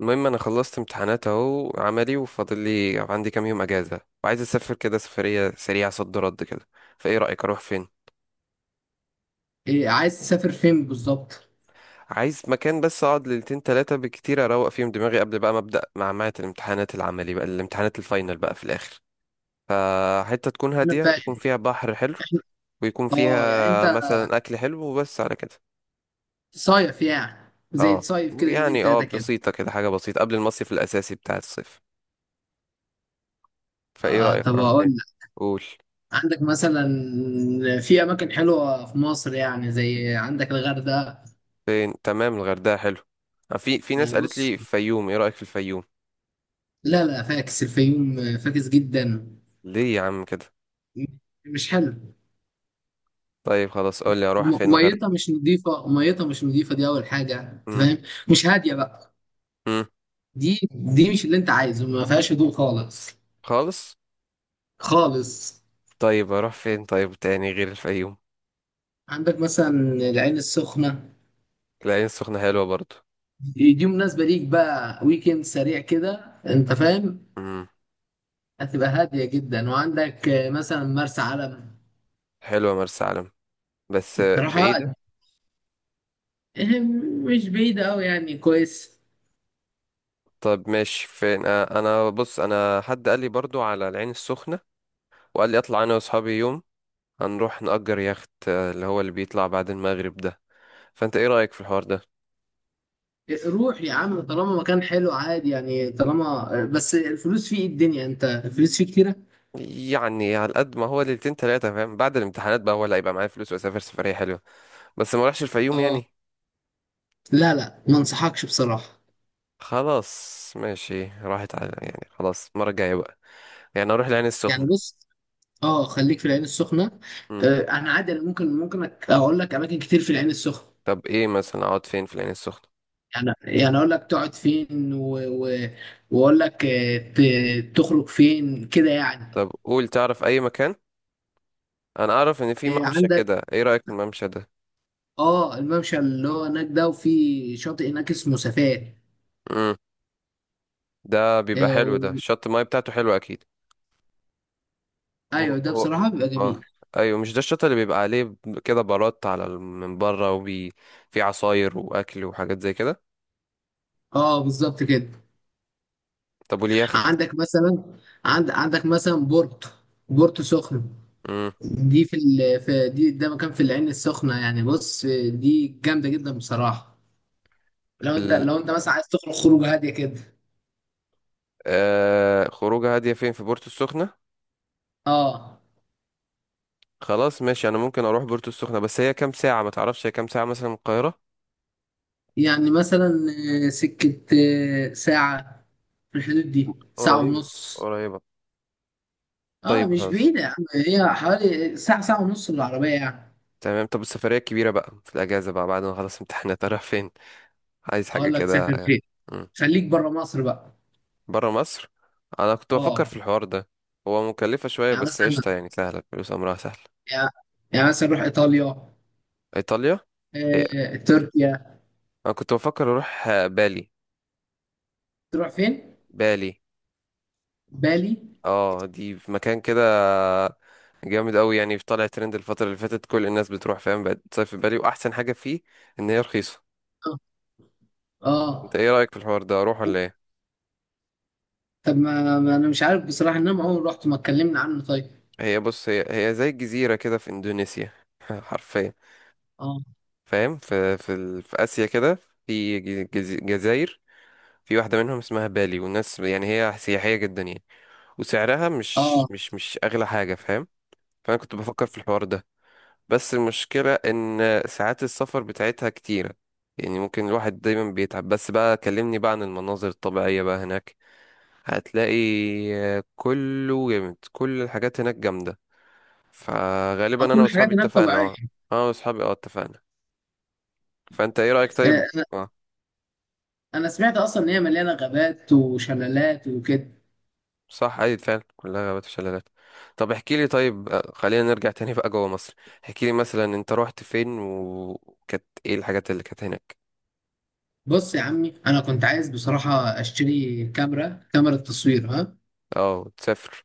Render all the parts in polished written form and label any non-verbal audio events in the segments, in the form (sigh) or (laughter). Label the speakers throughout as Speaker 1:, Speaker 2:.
Speaker 1: المهم انا خلصت امتحانات اهو عملي، وفاضل لي عندي كام يوم اجازه وعايز اسافر كده سفريه سريعه صد رد كده. فايه رايك اروح فين؟
Speaker 2: إيه عايز تسافر فين بالظبط؟
Speaker 1: عايز مكان بس اقعد ليلتين تلاتة بالكتير اروق فيهم دماغي قبل بقى ما ابدا معمعة الامتحانات العملي بقى الامتحانات الفاينل بقى في الاخر. فحته تكون
Speaker 2: انا
Speaker 1: هاديه، يكون
Speaker 2: فاهم.
Speaker 1: فيها بحر حلو، ويكون
Speaker 2: اه يعني انت
Speaker 1: فيها مثلا اكل حلو وبس على كده.
Speaker 2: صيف يعني زي
Speaker 1: اه،
Speaker 2: تصيف كده يومين
Speaker 1: يعني اه
Speaker 2: تلاتة كده.
Speaker 1: بسيطه كده، حاجه بسيطه قبل المصيف الاساسي بتاع الصيف. فايه
Speaker 2: آه
Speaker 1: رايك
Speaker 2: طب
Speaker 1: اروح
Speaker 2: اقول
Speaker 1: فين؟
Speaker 2: لك،
Speaker 1: قول.
Speaker 2: عندك مثلا في اماكن حلوة في مصر يعني زي عندك الغردقة.
Speaker 1: فين؟ تمام، الغردقة حلو. في ناس
Speaker 2: يعني
Speaker 1: قالت
Speaker 2: بص،
Speaker 1: لي فيوم، ايه رأيك في الفيوم؟
Speaker 2: لا لا فاكس، الفيوم فاكس جدا.
Speaker 1: ليه يا عم كده؟
Speaker 2: م- مش حلو.
Speaker 1: طيب خلاص قول لي اروح فين غير؟
Speaker 2: ميتها مش نظيفة، ميتها مش نظيفة، دي اول حاجة أنت
Speaker 1: امم.
Speaker 2: فاهم. مش هادية بقى.
Speaker 1: امم.
Speaker 2: دي مش اللي انت عايزه، ما فيهاش هدوء خالص.
Speaker 1: خالص.
Speaker 2: خالص.
Speaker 1: طيب اروح فين طيب تاني غير الفيوم؟
Speaker 2: عندك مثلا العين السخنة،
Speaker 1: العين السخنة حلوة برضو.
Speaker 2: دي مناسبة ليك بقى، ويكند سريع كده انت فاهم.
Speaker 1: امم.
Speaker 2: هتبقى هادية جدا، وعندك مثلا مرسى علم.
Speaker 1: حلوة مرسى علم. بس
Speaker 2: بصراحة
Speaker 1: بعيدة.
Speaker 2: مش بعيدة أوي يعني كويس.
Speaker 1: طب ماشي فين؟ انا بص، انا حد قال لي برضو على العين السخنة، وقال لي اطلع انا واصحابي يوم هنروح نأجر يخت اللي هو اللي بيطلع بعد المغرب ده. فانت ايه رأيك في الحوار ده؟
Speaker 2: روح يا عم طالما مكان حلو عادي يعني، طالما بس الفلوس فيه، ايه الدنيا انت الفلوس فيه كتيرة؟
Speaker 1: يعني على قد ما هو ليلتين تلاتة فاهم، بعد الامتحانات بقى هو اللي هيبقى معايا فلوس وأسافر سفرية حلوة. بس ما اروحش الفيوم
Speaker 2: اه
Speaker 1: يعني.
Speaker 2: لا لا، ما انصحكش بصراحة.
Speaker 1: خلاص ماشي، راحت على، يعني خلاص المرة الجاية بقى. يعني أروح العين
Speaker 2: يعني
Speaker 1: السخنة.
Speaker 2: بص، اه خليك في العين السخنة.
Speaker 1: مم.
Speaker 2: انا عادي، انا ممكن، اقول لك اماكن كتير في العين السخنة.
Speaker 1: طب إيه مثلا أقعد فين في العين السخنة؟
Speaker 2: يعني، اقول لك تقعد فين و... واقول لك تخرج فين كده يعني.
Speaker 1: طب قول. تعرف أي مكان؟ أنا أعرف إن في ممشى
Speaker 2: عندك،
Speaker 1: كده، إيه رأيك في الممشى ده؟
Speaker 2: اه الممشى اللي هو هناك ده، وفي شاطئ هناك اسمه سفاق.
Speaker 1: مم. ده بيبقى
Speaker 2: آه،
Speaker 1: حلو، ده
Speaker 2: و...
Speaker 1: شط الماية بتاعته حلوة أكيد. هو
Speaker 2: ايوه ده
Speaker 1: هو
Speaker 2: بصراحة بيبقى جميل.
Speaker 1: آه. أيوة مش ده الشط اللي بيبقى عليه كده بارات على من بره وبي، في عصاير وأكل وحاجات زي كده.
Speaker 2: اه بالظبط كده.
Speaker 1: طب واليخت؟
Speaker 2: عندك مثلا، عندك مثلا بورتو، بورتو سخنة.
Speaker 1: مم.
Speaker 2: دي في, ال... في دي ده مكان في العين السخنة. يعني بص، دي جامدة جدا بصراحة. لو انت،
Speaker 1: ال...
Speaker 2: مثلا عايز تخرج خروج هادية كده.
Speaker 1: خروجة هادية فين في بورتو السخنة.
Speaker 2: اه.
Speaker 1: خلاص ماشي، انا ممكن اروح بورتو السخنة. بس هي كام ساعة، ما تعرفش هي كام ساعة مثلا من القاهرة؟
Speaker 2: يعني مثلا سكة، ساعة، في الحدود دي ساعة
Speaker 1: قريبة.
Speaker 2: ونص.
Speaker 1: قريبة.
Speaker 2: اه
Speaker 1: طيب
Speaker 2: مش
Speaker 1: خلاص.
Speaker 2: بعيدة يا عم، هي حوالي ساعة ساعة ونص بالعربية يعني.
Speaker 1: تمام. طب السفرية الكبيرة بقى في الأجازة بقى بعد ما خلص امتحانات، أروح فين؟ عايز حاجة
Speaker 2: اقول لك
Speaker 1: كده.
Speaker 2: سافر فين،
Speaker 1: مم.
Speaker 2: خليك بره مصر بقى.
Speaker 1: برا مصر. أنا كنت بفكر
Speaker 2: اه
Speaker 1: في الحوار ده. هو مكلفة شوية
Speaker 2: يعني
Speaker 1: بس قشطة،
Speaker 2: مثلا،
Speaker 1: يعني سهلة، الفلوس أمرها سهل.
Speaker 2: يعني يعني مثلا روح ايطاليا،
Speaker 1: إيطاليا. هي،
Speaker 2: تركيا.
Speaker 1: أنا كنت بفكر أروح بالي.
Speaker 2: تروح فين؟
Speaker 1: بالي.
Speaker 2: بالي؟
Speaker 1: اه، دي في مكان كده جامد قوي يعني، في طالع ترند الفترة اللي فاتت، كل الناس بتروح فاهم، بقت تصيف في بالي. واحسن حاجة فيه ان هي رخيصة.
Speaker 2: اه.
Speaker 1: انت
Speaker 2: آه.
Speaker 1: ايه رأيك في الحوار ده، اروح ولا ايه؟
Speaker 2: طب ما, ما انا مش عارف بصراحة، ان انا عمري ما رحت، ما اتكلمنا عنه طيب.
Speaker 1: هي بص، هي زي الجزيرة كده في اندونيسيا. (laughs) حرفيا.
Speaker 2: اه.
Speaker 1: فاهم في اسيا كده، جزاير، في واحدة منهم اسمها بالي، والناس يعني هي سياحية جدا يعني. وسعرها مش
Speaker 2: اه،
Speaker 1: مش مش اغلى حاجة فاهم. فانا كنت بفكر في الحوار ده. بس المشكلة إن ساعات السفر بتاعتها كتيرة، يعني ممكن الواحد دايما بيتعب. بس بقى كلمني بقى عن المناظر الطبيعية بقى هناك. هتلاقي كله جامد، كل الحاجات هناك جامدة. فغالبا
Speaker 2: كل
Speaker 1: أنا وأصحابي
Speaker 2: الحاجات هناك
Speaker 1: اتفقنا،
Speaker 2: طبيعية.
Speaker 1: اه. أنا وأصحابي اه اتفقنا. فأنت إيه رأيك
Speaker 2: آه،
Speaker 1: طيب؟ اه.
Speaker 2: انا سمعت اصلا ان هي مليانه غابات وشلالات وكده.
Speaker 1: صح، أيوة فعلا كلها غابات وشلالات. طب احكي لي طيب، خلينا نرجع تاني بقى جوه مصر. احكي لي مثلا أنت روحت فين، وكانت إيه الحاجات اللي كانت هناك.
Speaker 2: بص يا عمي، انا كنت عايز بصراحه اشتري كاميرا، كاميرا تصوير ها.
Speaker 1: اه تسافر.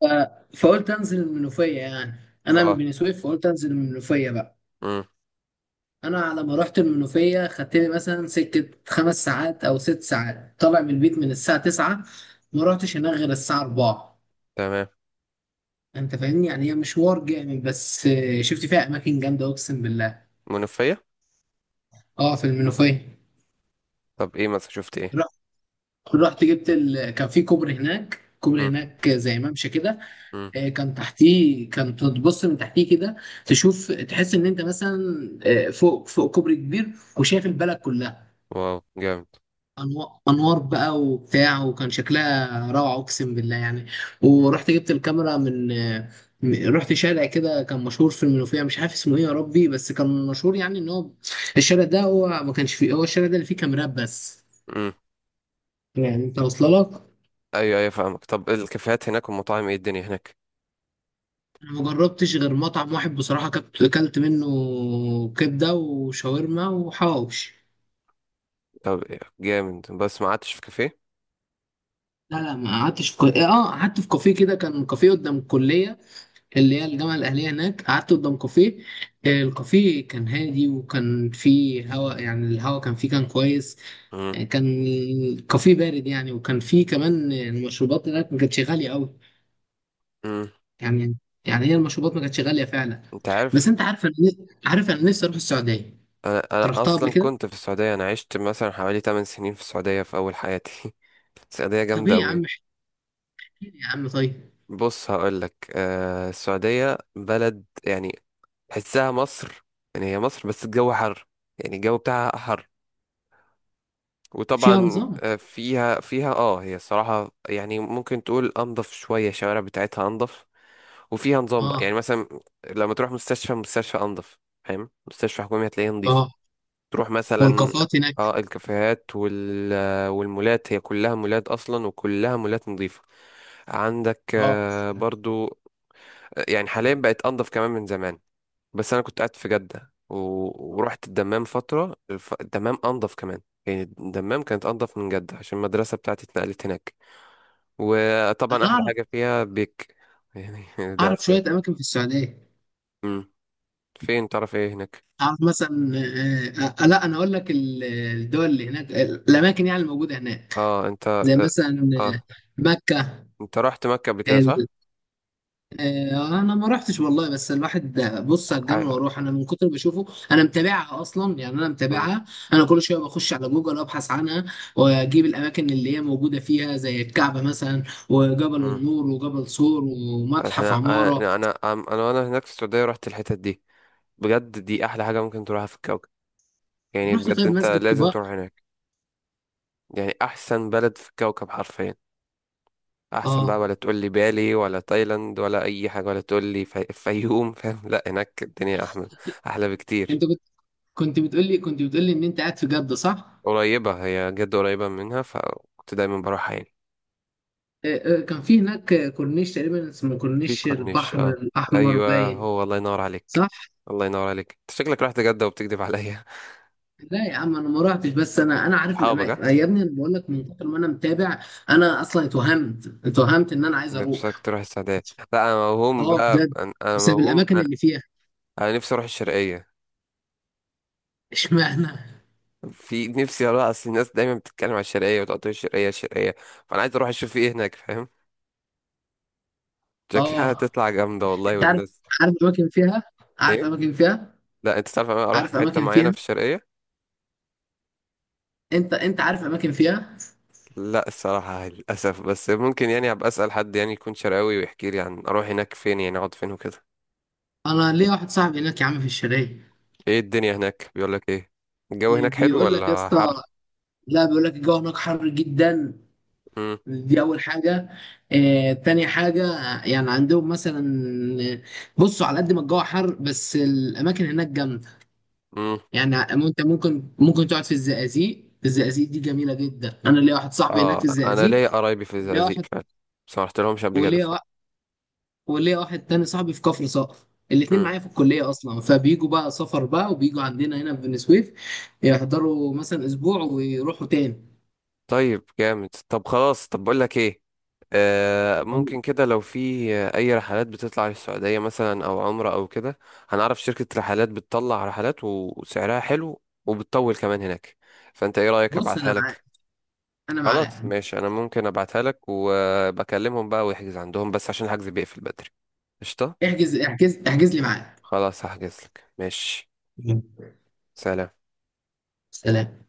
Speaker 2: ف... فقلت انزل المنوفيه يعني. انا من
Speaker 1: اه.
Speaker 2: بني سويف، فقلت انزل المنوفيه بقى.
Speaker 1: امم.
Speaker 2: انا على ما رحت المنوفيه خدت لي مثلا سكه خمس ساعات او ست ساعات، طالع من البيت من الساعه 9، ما رحتش هناك غير الساعه 4.
Speaker 1: تمام.
Speaker 2: انت فاهمني يعني، هي مشوار جامد، بس شفت فيها اماكن جامده اقسم بالله.
Speaker 1: منوفية.
Speaker 2: اه في المنوفيه.
Speaker 1: طب ايه مثلا شفت ايه؟
Speaker 2: رحت جبت كان في كوبري هناك، كوبري
Speaker 1: مم.
Speaker 2: هناك زي ممشى كده.
Speaker 1: مم.
Speaker 2: كان تحتيه، كان تبص من تحتيه كده، تشوف تحس ان انت مثلا فوق، كوبري كبير، وشايف البلد كلها.
Speaker 1: واو، جامد.
Speaker 2: انوار بقى وبتاع، وكان شكلها روعه اقسم بالله يعني. ورحت جبت الكاميرا من رحت شارع كده كان مشهور في المنوفيه، مش عارف اسمه ايه يا ربي، بس كان مشهور يعني ان هو الشارع ده، هو ما كانش فيه، هو الشارع ده اللي فيه كاميرات بس.
Speaker 1: مم.
Speaker 2: يعني انت واصله لك.
Speaker 1: ايوه ايوه فاهمك. طب الكافيهات هناك والمطاعم ايه الدنيا هناك؟
Speaker 2: أنا ما جربتش غير مطعم واحد بصراحة، كنت أكلت منه كبدة وشاورما وحواوش.
Speaker 1: طب إيه؟ جامد، بس ما قعدتش في كافيه.
Speaker 2: لا لا ما قعدتش في كو... اه آه، قعدت في كافيه كده، كان كافيه قدام الكلية، اللي هي الجامعة الأهلية هناك، قعدت قدام كافيه. الكافيه كان هادي، وكان فيه هوا يعني، الهوا كان فيه كان كويس.
Speaker 1: مم.
Speaker 2: آه، كان الكافيه بارد يعني، وكان فيه كمان المشروبات هناك ما كانتش غالية أوي.
Speaker 1: مم.
Speaker 2: يعني، هي المشروبات ما كانتش غالية فعلا.
Speaker 1: انت
Speaker 2: بس
Speaker 1: عارف،
Speaker 2: أنت عارف، أنا نفسي أروح السعودية.
Speaker 1: انا
Speaker 2: أنت
Speaker 1: انا
Speaker 2: رحتها قبل
Speaker 1: اصلا
Speaker 2: كده؟
Speaker 1: كنت في السعودية، انا عشت مثلا حوالي 8 سنين في السعودية في اول حياتي. (laughs) السعودية
Speaker 2: طب
Speaker 1: جامدة
Speaker 2: ايه يا
Speaker 1: أوي.
Speaker 2: عم، يا عم طيب.
Speaker 1: بص هقولك، آه، السعودية بلد يعني تحسها مصر، يعني هي مصر بس الجو حر، يعني الجو بتاعها حر.
Speaker 2: فيها
Speaker 1: وطبعا
Speaker 2: نظام.
Speaker 1: فيها اه، هي الصراحة يعني ممكن تقول انضف شوية، الشوارع بتاعتها انضف، وفيها نظام بقى. يعني
Speaker 2: اه.
Speaker 1: مثلا لما تروح مستشفى، مستشفى انضف، فاهم، مستشفى حكومي هتلاقيها نظيفة.
Speaker 2: اه.
Speaker 1: تروح مثلا،
Speaker 2: والكافيهات هناك؟
Speaker 1: اه الكافيهات وال، والمولات هي كلها مولات اصلا، وكلها مولات نظيفة. عندك
Speaker 2: اه
Speaker 1: برضو، يعني حاليا بقت انضف كمان من زمان. بس انا كنت قاعد في جدة ورحت الدمام فترة، الدمام انضف كمان، يعني الدمام كانت انضف من جدة عشان المدرسة بتاعتي اتنقلت هناك. وطبعا
Speaker 2: انا
Speaker 1: احلى
Speaker 2: اعرف،
Speaker 1: حاجة فيها بيك، يعني (laughs) ده
Speaker 2: اعرف
Speaker 1: اساس.
Speaker 2: شويه اماكن في السعوديه.
Speaker 1: امم. فين تعرف ايه هناك؟
Speaker 2: اعرف مثلا، آه آه لا انا اقول لك الدول اللي هناك، الاماكن يعني الموجوده هناك،
Speaker 1: اه انت.
Speaker 2: زي
Speaker 1: اه,
Speaker 2: مثلا
Speaker 1: آه.
Speaker 2: مكه.
Speaker 1: انت رحت مكة قبل كده صح؟
Speaker 2: انا ما رحتش والله، بس الواحد بص على الجنة
Speaker 1: عاي-
Speaker 2: واروح انا، من كتر ما بشوفه. انا متابعها اصلا يعني، انا
Speaker 1: امم.
Speaker 2: متابعها. انا كل شويه بخش على جوجل ابحث عنها، واجيب الاماكن اللي هي موجوده فيها زي الكعبه مثلا، وجبل
Speaker 1: امم.
Speaker 2: النور وجبل صور ومتحف
Speaker 1: احنا انا
Speaker 2: عماره.
Speaker 1: انا انا انا وانا هناك في السعودية رحت الحتت دي. بجد، دي احلى حاجة ممكن تروحها في الكوكب. يعني
Speaker 2: رحت
Speaker 1: بجد
Speaker 2: طيب
Speaker 1: انت
Speaker 2: مسجد
Speaker 1: لازم
Speaker 2: قباء.
Speaker 1: تروح هناك. يعني احسن بلد في الكوكب حرفيا. احسن بقى، ولا
Speaker 2: اه.
Speaker 1: تقول لي بالي، ولا تايلاند، ولا اي حاجه، ولا تقول لي فيوم. (laughs) فاهم؟ لا هناك الدنيا احلى، احلى بكتير.
Speaker 2: انت كنت، كنت بتقول لي ان انت قاعد في جده صح؟
Speaker 1: قريبه، هي جد قريبه منها، فكنت دايما بروحها يعني.
Speaker 2: كان في هناك كورنيش تقريبا اسمه
Speaker 1: في
Speaker 2: كورنيش
Speaker 1: كورنيش،
Speaker 2: البحر
Speaker 1: اه.
Speaker 2: الاحمر
Speaker 1: ايوه
Speaker 2: باين.
Speaker 1: هو، الله ينور عليك.
Speaker 2: صح.
Speaker 1: الله ينور عليك، انت شكلك رحت جده وبتكذب عليا.
Speaker 2: لا يا عم انا ما رحتش، بس انا
Speaker 1: (laughs)
Speaker 2: عارف
Speaker 1: صحابك، ها.
Speaker 2: الاماكن يا ابني، انا بقول لك من كتر ما انا متابع. انا اصلا اتوهمت، اتوهمت ان انا عايز
Speaker 1: نفسك
Speaker 2: اروح.
Speaker 1: تروح السعوديه. لا انا موهوم
Speaker 2: اه
Speaker 1: بقى،
Speaker 2: بجد،
Speaker 1: انا،
Speaker 2: بسبب
Speaker 1: موهوم
Speaker 2: الاماكن
Speaker 1: انا.
Speaker 2: اللي فيها.
Speaker 1: أنا نفسي اروح الشرقيه.
Speaker 2: (laughs) اشمعنى؟
Speaker 1: في نفسي اروح، اصل الناس دايما بتتكلم على الشرقيه وتقول الشرقيه الشرقيه، فانا عايز اروح اشوف ايه هناك فاهم. شكلها
Speaker 2: اه
Speaker 1: هتطلع جامدة والله
Speaker 2: انت عارف،
Speaker 1: والناس.
Speaker 2: عارف اماكن فيها، عارف
Speaker 1: ايه؟
Speaker 2: اماكن فيها،
Speaker 1: لا انت تعرف، انا اروح
Speaker 2: عارف
Speaker 1: في حتة
Speaker 2: اماكن
Speaker 1: معينة
Speaker 2: فيها؟
Speaker 1: في الشرقية.
Speaker 2: انت عارف اماكن فيها؟
Speaker 1: لا الصراحة للأسف، بس ممكن يعني ابقى اسأل حد يعني يكون شرقاوي ويحكي لي عن اروح هناك فين، يعني اقعد فين وكده.
Speaker 2: انا ليا واحد صاحبي هناك يا عم في الشرقية.
Speaker 1: ايه الدنيا هناك، بيقول لك ايه؟ الجو هناك حلو
Speaker 2: بيقول لك يا
Speaker 1: ولا
Speaker 2: اسطى،
Speaker 1: حر؟
Speaker 2: لا بيقول لك الجو هناك حر جدا.
Speaker 1: امم.
Speaker 2: دي اول حاجه. تاني حاجه، يعني عندهم مثلا، آه، بصوا على قد ما الجو حر بس الاماكن هناك جامده.
Speaker 1: امم.
Speaker 2: يعني انت ممكن، تقعد في الزقازيق، الزقازيق دي جميله جدا، انا ليا واحد صاحبي هناك
Speaker 1: اه
Speaker 2: في
Speaker 1: انا
Speaker 2: الزقازيق.
Speaker 1: ليا قرايبي في
Speaker 2: ليا
Speaker 1: الزقازيق
Speaker 2: واحد،
Speaker 1: فعلا. بس ما رحت لهمش قبل كده
Speaker 2: وليا وا- وليا واحد تاني صاحبي في كفر صقر. الاتنين
Speaker 1: مم.
Speaker 2: معايا في الكلية أصلا، فبيجوا بقى سفر بقى وبيجوا عندنا هنا في بني سويف، يحضروا مثلا أسبوع ويروحوا تاني.
Speaker 1: طيب جامد. طب خلاص، طب بقول لك ايه، ممكن كده لو في اي رحلات بتطلع للسعودية مثلا او عمرة او كده. هنعرف شركة رحلات بتطلع رحلات وسعرها حلو وبتطول كمان هناك. فانت ايه رأيك
Speaker 2: بص
Speaker 1: ابعتها
Speaker 2: أنا معاك،
Speaker 1: لك؟
Speaker 2: أنا
Speaker 1: خلاص
Speaker 2: معاك.
Speaker 1: ماشي، انا ممكن ابعتها لك وبكلمهم بقى ويحجز عندهم، بس عشان الحجز بيقفل بدري. قشطة.
Speaker 2: احجز، احجز، احجز لي معاك.
Speaker 1: خلاص هحجز لك، ماشي. سلام.
Speaker 2: سلام.